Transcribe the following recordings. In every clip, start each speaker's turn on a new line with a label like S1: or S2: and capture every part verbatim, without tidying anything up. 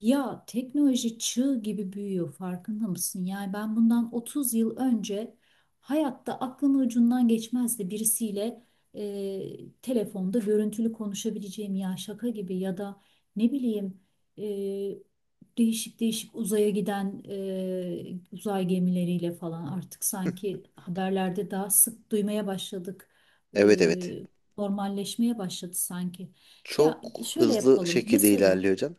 S1: Ya teknoloji çığ gibi büyüyor farkında mısın? Yani ben bundan otuz yıl önce hayatta aklımın ucundan geçmezdi birisiyle e, telefonda görüntülü konuşabileceğim, ya şaka gibi ya da ne bileyim, e, değişik değişik uzaya giden e, uzay gemileriyle falan artık sanki haberlerde daha sık duymaya başladık.
S2: Evet evet.
S1: E, normalleşmeye başladı sanki. Ya
S2: Çok
S1: şöyle
S2: hızlı
S1: yapalım
S2: şekilde
S1: mesela.
S2: ilerliyor hocam.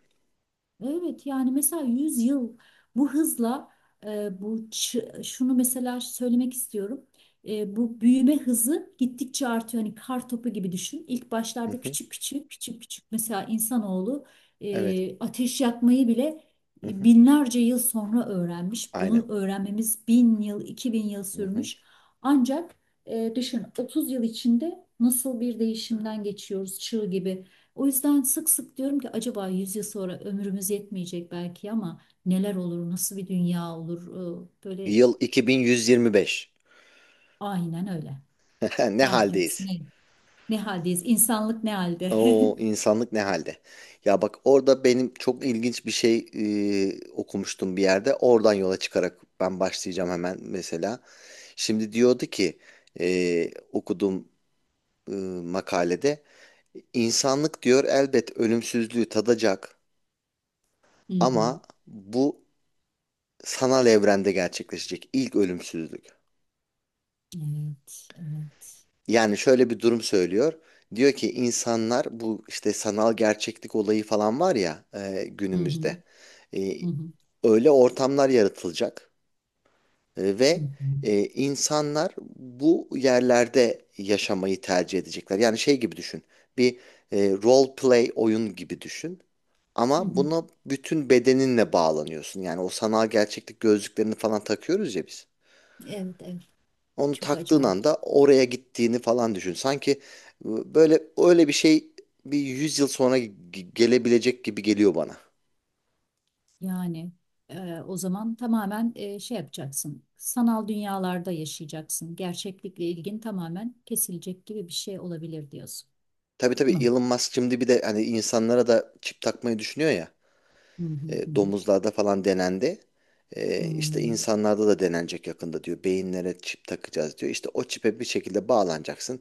S1: Evet yani mesela yüz yıl bu hızla, e, bu ç- şunu mesela söylemek istiyorum. E, bu büyüme hızı gittikçe artıyor. Hani kar topu gibi düşün. İlk
S2: Hı
S1: başlarda
S2: hı.
S1: küçük küçük küçük küçük mesela insanoğlu
S2: Evet.
S1: e, ateş yakmayı bile
S2: Hı
S1: e,
S2: hı.
S1: binlerce yıl sonra öğrenmiş.
S2: Aynen.
S1: Bunu öğrenmemiz bin yıl, iki bin yıl
S2: Hı hı.
S1: sürmüş. Ancak e, düşün, otuz yıl içinde nasıl bir değişimden geçiyoruz, çığ gibi. O yüzden sık sık diyorum ki, acaba yüz yıl sonra ömrümüz yetmeyecek belki ama neler olur, nasıl bir dünya olur? Ee, Böyle,
S2: Yıl iki bin yüz yirmi beş.
S1: aynen öyle.
S2: Ne
S1: Ne yaparız,
S2: haldeyiz?
S1: ne, ne haldeyiz? İnsanlık ne halde?
S2: O insanlık ne halde? Ya bak, orada benim çok ilginç bir şey e, okumuştum bir yerde. Oradan yola çıkarak ben başlayacağım hemen mesela. Şimdi diyordu ki e, okuduğum e, makalede, insanlık diyor, elbet ölümsüzlüğü tadacak
S1: Hı hı.
S2: ama bu sanal evrende gerçekleşecek ilk ölümsüzlük.
S1: Evet, evet.
S2: Yani şöyle bir durum söylüyor. Diyor ki insanlar, bu işte sanal gerçeklik olayı falan var ya e,
S1: Hı hı,
S2: günümüzde. E,
S1: hı hı,
S2: öyle ortamlar yaratılacak. E,
S1: hı
S2: ve
S1: hı,
S2: e, insanlar bu yerlerde yaşamayı tercih edecekler. Yani şey gibi düşün. Bir e, role play oyun gibi düşün.
S1: hı
S2: Ama
S1: hı.
S2: buna bütün bedeninle bağlanıyorsun. Yani o sanal gerçeklik gözlüklerini falan takıyoruz ya biz.
S1: Evet, evet.
S2: Onu
S1: Çok
S2: taktığın
S1: acayip.
S2: anda oraya gittiğini falan düşün. Sanki e, böyle öyle bir şey bir yüz yıl sonra ge- gelebilecek gibi geliyor bana.
S1: Yani e, o zaman tamamen e, şey yapacaksın. Sanal dünyalarda yaşayacaksın. Gerçeklikle ilgin tamamen kesilecek gibi bir şey olabilir diyorsun.
S2: Tabii tabii,
S1: Mı?
S2: Elon Musk şimdi bir de hani insanlara da çip takmayı düşünüyor ya.
S1: Hı hı
S2: E,
S1: hı.
S2: domuzlarda falan denendi. E, işte
S1: Hmm,
S2: insanlarda da denenecek yakında diyor. Beyinlere çip takacağız diyor. İşte o çipe bir şekilde bağlanacaksın.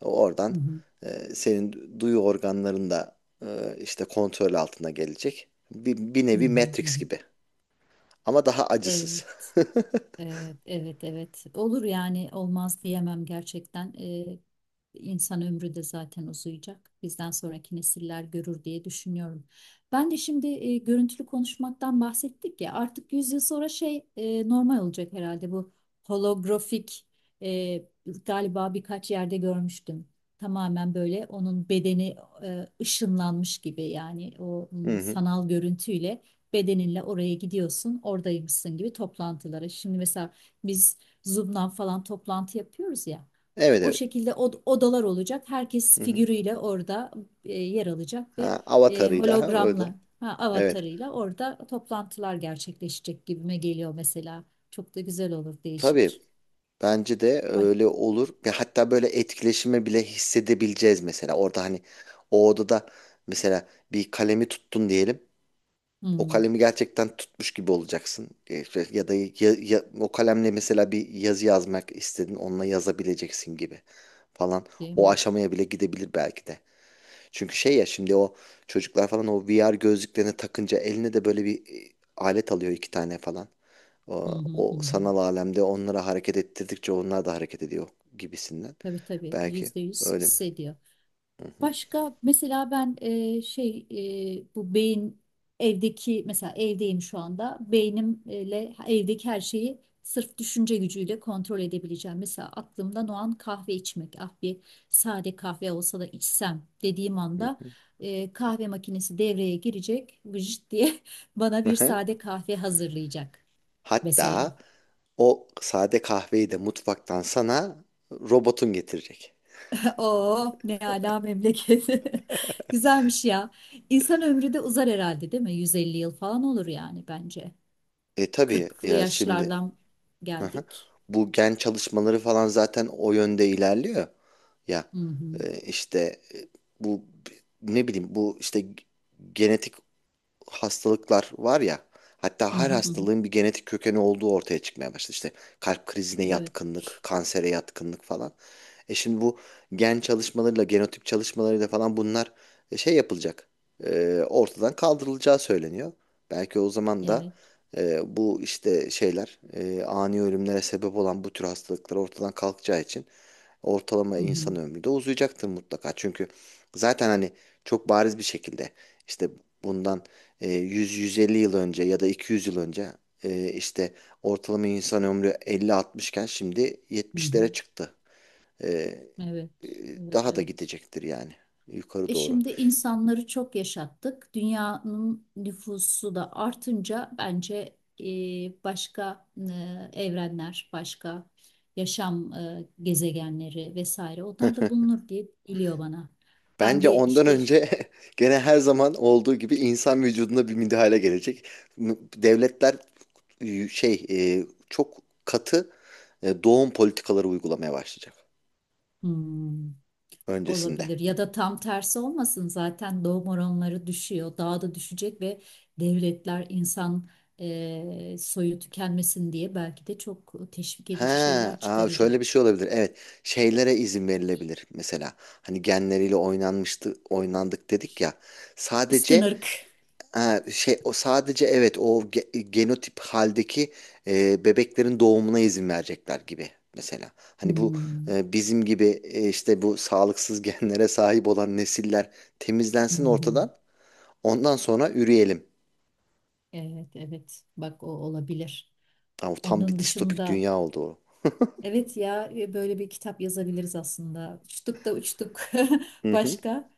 S2: Oradan
S1: Hı hı,
S2: e, senin duyu organların da e, işte kontrol altına gelecek. Bir, bir
S1: hı
S2: nevi
S1: hı, hı
S2: Matrix
S1: hı.
S2: gibi. Ama daha acısız.
S1: Evet, evet, evet, evet. Olur yani, olmaz diyemem gerçekten. Ee, insan ömrü de zaten uzayacak. Bizden sonraki nesiller görür diye düşünüyorum. Ben de şimdi e, görüntülü konuşmaktan bahsettik ya. Artık yüz yıl sonra şey e, normal olacak herhalde, bu holografik, e, galiba birkaç yerde görmüştüm. Tamamen böyle onun bedeni e, ışınlanmış gibi, yani o
S2: Hı
S1: mm,
S2: hı.
S1: sanal görüntüyle, bedeninle oraya gidiyorsun, oradaymışsın gibi, toplantılara. Şimdi mesela biz Zoom'dan falan toplantı yapıyoruz ya.
S2: Evet
S1: O
S2: evet.
S1: şekilde od- odalar olacak. Herkes
S2: Hı hı.
S1: figürüyle orada e, yer alacak, ve
S2: Ha,
S1: e,
S2: avatarıyla, ha, orada.
S1: hologramla, ha,
S2: Evet.
S1: avatarıyla orada toplantılar gerçekleşecek gibime geliyor mesela. Çok da güzel olur,
S2: Tabii,
S1: değişik.
S2: bence de
S1: Bak.
S2: öyle olur. Ve hatta böyle etkileşimi bile hissedebileceğiz mesela. Orada hani o odada mesela bir kalemi tuttun diyelim. O
S1: Hmm,
S2: kalemi gerçekten tutmuş gibi olacaksın. E, şey, ya da ya- ya- o kalemle mesela bir yazı yazmak istedin, onunla yazabileceksin gibi falan.
S1: değil
S2: O
S1: mi?
S2: aşamaya bile gidebilir belki de. Çünkü şey ya, şimdi o çocuklar falan o V R gözlüklerini takınca eline de böyle bir e, alet alıyor, iki tane falan.
S1: Hı
S2: O,
S1: hı hı.
S2: o
S1: hı.
S2: sanal alemde onlara hareket ettirdikçe onlar da hareket ediyor gibisinden.
S1: Tabii tabii,
S2: Belki,
S1: yüzde yüz
S2: öyle mi?
S1: hissediyor.
S2: Hı hı,
S1: Başka mesela ben, e, şey, e, bu beyin, evdeki, mesela evdeyim şu anda, beynimle evdeki her şeyi sırf düşünce gücüyle kontrol edebileceğim. Mesela aklımdan o an kahve içmek, ah bir sade kahve olsa da içsem, dediğim
S2: hı
S1: anda
S2: hı.
S1: e, kahve makinesi devreye girecek, vıcık diye bana
S2: Hı
S1: bir
S2: hı.
S1: sade kahve hazırlayacak mesela.
S2: Hatta o sade kahveyi de mutfaktan sana robotun getirecek.
S1: Oo, ne ala memleket. Güzelmiş ya. İnsan ömrü de uzar herhalde, değil mi? yüz elli yıl falan olur yani, bence.
S2: E tabii
S1: Kırklı
S2: ya şimdi.
S1: yaşlardan
S2: Hı hı.
S1: geldik.
S2: Bu gen çalışmaları falan zaten o yönde ilerliyor. Ya,
S1: Hı hı.
S2: e, işte e, bu, ne bileyim, bu işte genetik hastalıklar var ya,
S1: Hı
S2: hatta her
S1: hı hı. hı.
S2: hastalığın bir genetik kökeni olduğu ortaya çıkmaya başladı. İşte kalp krizine
S1: Evet,
S2: yatkınlık, kansere yatkınlık falan. E şimdi bu gen çalışmalarıyla, genotip çalışmalarıyla falan bunlar e, şey yapılacak. e, ortadan kaldırılacağı söyleniyor. Belki o zaman da
S1: evet.
S2: e, bu işte şeyler, e, ani ölümlere sebep olan bu tür hastalıklar ortadan kalkacağı için ortalama
S1: Hı hı.
S2: insan ömrü de uzayacaktır mutlaka. Çünkü zaten hani çok bariz bir şekilde, işte bundan e, yüz yüz elli yıl önce ya da iki yüz yıl önce e, işte ortalama insan ömrü elli altmış iken şimdi
S1: Hı
S2: yetmişlere
S1: hı.
S2: çıktı. E, e,
S1: Evet, evet,
S2: daha da
S1: evet.
S2: gidecektir yani, yukarı
S1: E
S2: doğru.
S1: şimdi insanları çok yaşattık. Dünyanın nüfusu da artınca bence, e, başka, e, evrenler, başka yaşam e, gezegenleri vesaire, onlar da bulunur diye geliyor bana. Ben
S2: Bence
S1: bir
S2: ondan
S1: işte,
S2: önce, gene her zaman olduğu gibi, insan vücuduna bir müdahale gelecek. Devletler e, şey, e, çok katı e, doğum politikaları uygulamaya başlayacak
S1: hmm,
S2: öncesinde.
S1: olabilir ya da tam tersi olmasın, zaten doğum oranları düşüyor. Daha da düşecek ve devletler, insan e, soyu tükenmesin diye belki de çok teşvik
S2: Ha,
S1: edici şeyler
S2: aa
S1: çıkaracak.
S2: şöyle bir şey olabilir. Evet, şeylere izin verilebilir mesela. Hani genleriyle oynanmıştı, oynandık dedik ya.
S1: Üstün
S2: Sadece,
S1: ırk.
S2: ha, şey, o sadece, evet, o ge- genotip haldeki e, bebeklerin doğumuna izin verecekler gibi mesela. Hani bu
S1: Hmm,
S2: e, bizim gibi e, işte bu sağlıksız genlere sahip olan nesiller
S1: Hı
S2: temizlensin
S1: hı.
S2: ortadan. Ondan sonra üreyelim.
S1: Evet, evet. Bak, o olabilir.
S2: Ama tam bir
S1: Onun
S2: distopik
S1: dışında,
S2: dünya oldu o.
S1: evet ya, e, böyle bir kitap yazabiliriz aslında. Uçtuk da uçtuk.
S2: Hı hı.
S1: Başka?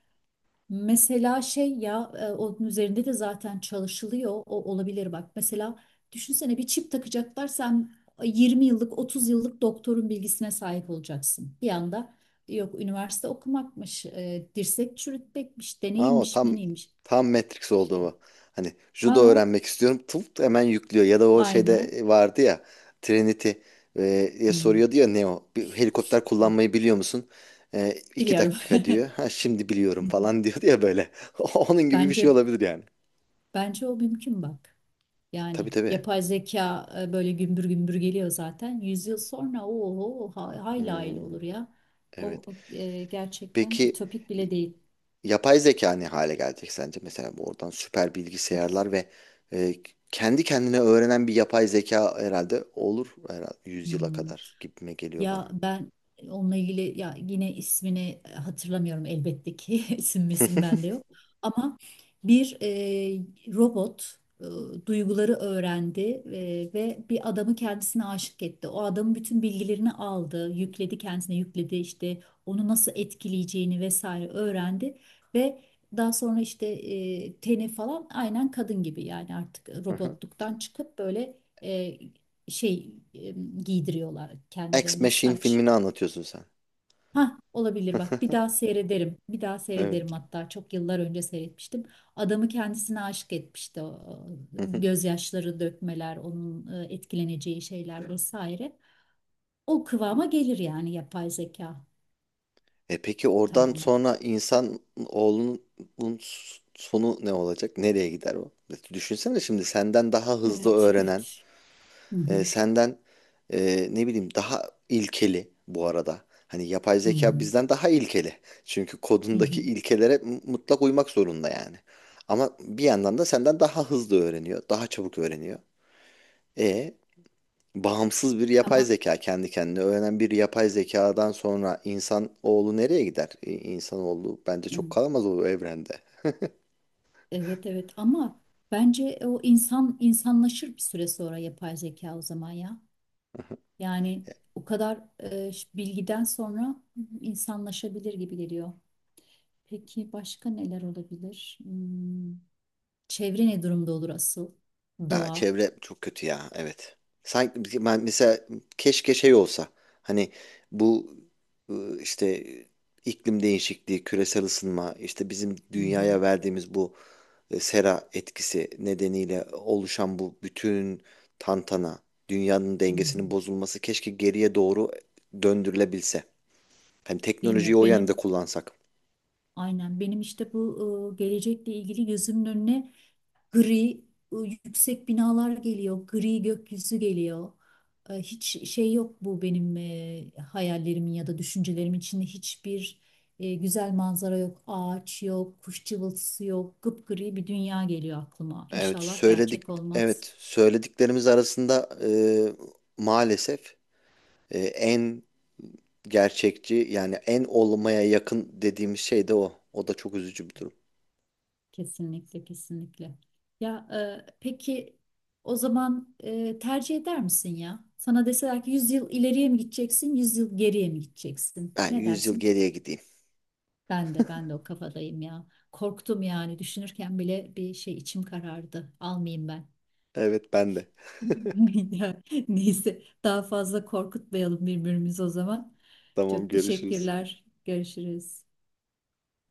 S1: Mesela şey ya, e, onun üzerinde de zaten çalışılıyor. O olabilir bak. Mesela düşünsene, bir çip takacaklar, sen yirmi yıllık, otuz yıllık doktorun bilgisine sahip olacaksın. Bir anda, yok üniversite okumakmış, e, dirsek çürütmekmiş,
S2: Ama
S1: deneyimmiş,
S2: tam
S1: meneymiş.
S2: tam Matrix oldu
S1: Şey.
S2: bu. Hani judo
S1: Aa,
S2: öğrenmek istiyorum. Tıp hemen yüklüyor. Ya da o şeyde
S1: aynen.
S2: e, vardı ya, Trinity e, diye
S1: Hmm,
S2: soruyor, diyor Neo: bir helikopter
S1: evet,
S2: kullanmayı biliyor musun? E, iki
S1: biliyorum.
S2: dakika diyor. Ha, şimdi biliyorum
S1: Hı hı.
S2: falan, diyor ya böyle. Onun gibi bir şey
S1: Bence
S2: olabilir yani.
S1: bence o mümkün, bak.
S2: Tabii
S1: Yani
S2: tabii.
S1: yapay zeka e, böyle gümbür gümbür geliyor zaten. Yüzyıl sonra o, hayli hayli
S2: Hmm,
S1: olur ya. O
S2: evet.
S1: o, e, gerçekten
S2: Peki,
S1: ütopik bile değil.
S2: yapay zeka ne hale gelecek sence? Mesela, bu oradan süper
S1: Of.
S2: bilgisayarlar ve e, kendi kendine öğrenen bir yapay zeka herhalde olur, herhalde yüz yıla
S1: Hmm.
S2: kadar gibime geliyor
S1: Ya
S2: bana.
S1: ben onunla ilgili, ya yine ismini e, hatırlamıyorum elbette ki, isim misim bende yok. Ama bir e, robot e, duyguları öğrendi e, ve bir adamı kendisine aşık etti. O adamın bütün bilgilerini aldı, yükledi, kendisine yükledi işte, onu nasıl etkileyeceğini vesaire öğrendi, ve daha sonra işte e, teni falan aynen kadın gibi, yani artık
S2: Hı hı.
S1: robotluktan çıkıp böyle, e, şey, e, giydiriyorlar
S2: Ex
S1: kendilerine,
S2: Machine
S1: saç.
S2: filmini anlatıyorsun sen.
S1: Ha olabilir bak, bir daha seyrederim. Bir daha seyrederim,
S2: Evet.
S1: hatta çok yıllar önce seyretmiştim. Adamı kendisine aşık etmişti. O, e,
S2: Hı hı.
S1: gözyaşları dökmeler, onun e, etkileneceği şeyler vesaire. O kıvama gelir yani, yapay zeka
S2: E peki oradan
S1: tamamen.
S2: sonra insan oğlunun sonu ne olacak? Nereye gider o? E, Düşünsene, şimdi senden daha hızlı
S1: Evet,
S2: öğrenen,
S1: evet. Hı
S2: e,
S1: hı,
S2: senden, e, ne bileyim, daha ilkeli bu arada. Hani yapay
S1: hı
S2: zeka
S1: hı,
S2: bizden daha ilkeli. Çünkü
S1: hı
S2: kodundaki
S1: hı.
S2: ilkelere m- mutlak uymak zorunda yani. Ama bir yandan da senden daha hızlı öğreniyor, daha çabuk öğreniyor. E bağımsız bir yapay
S1: Ama
S2: zeka, kendi kendine öğrenen bir yapay zekadan sonra insan oğlu nereye gider? E, İnsanoğlu bence çok kalamaz o evrende.
S1: evet evet, ama bence o insan insanlaşır bir süre sonra, yapay zeka o zaman ya. Yani o kadar e, ş- bilgiden sonra insanlaşabilir gibi geliyor. Peki, başka neler olabilir? Hmm, çevre ne durumda olur asıl?
S2: Ya
S1: Doğa.
S2: çevre çok kötü ya, evet. Sanki biz- ben mesela keşke şey olsa, hani bu ıı, işte iklim değişikliği, küresel ısınma, işte bizim
S1: Hı
S2: dünyaya
S1: hı,
S2: verdiğimiz bu e, sera etkisi nedeniyle oluşan bu bütün tantana, dünyanın
S1: hı hı.
S2: dengesinin bozulması keşke geriye doğru döndürülebilse. Hani
S1: Değil
S2: teknolojiyi
S1: mi?
S2: o yönde
S1: Benim,
S2: kullansak.
S1: aynen benim işte bu e, gelecekle ilgili gözümün önüne, Gri e, yüksek binalar geliyor, gri gökyüzü geliyor. E, Hiç şey yok, bu benim e, hayallerimin ya da düşüncelerimin içinde hiçbir e, güzel manzara yok, ağaç yok, kuş cıvıltısı yok, gıpgri bir dünya geliyor aklıma.
S2: Evet
S1: İnşallah
S2: söyledik
S1: gerçek olmaz.
S2: evet söylediklerimiz arasında e, maalesef e, en gerçekçi, yani en olmaya yakın, dediğimiz şey de o. O da çok üzücü bir durum.
S1: Kesinlikle, kesinlikle. Ya e, peki o zaman, e, tercih eder misin ya? Sana deseler ki, yüz yıl ileriye mi gideceksin, yüz yıl geriye mi gideceksin?
S2: Ben
S1: Ne
S2: yüz yıl
S1: dersin?
S2: geriye gideyim.
S1: Ben de ben de o kafadayım ya. Korktum yani, düşünürken bile bir şey, içim karardı. Almayayım ben.
S2: Evet, ben de.
S1: Ya neyse, daha fazla korkutmayalım birbirimizi o zaman.
S2: Tamam,
S1: Çok
S2: görüşürüz.
S1: teşekkürler. Görüşürüz.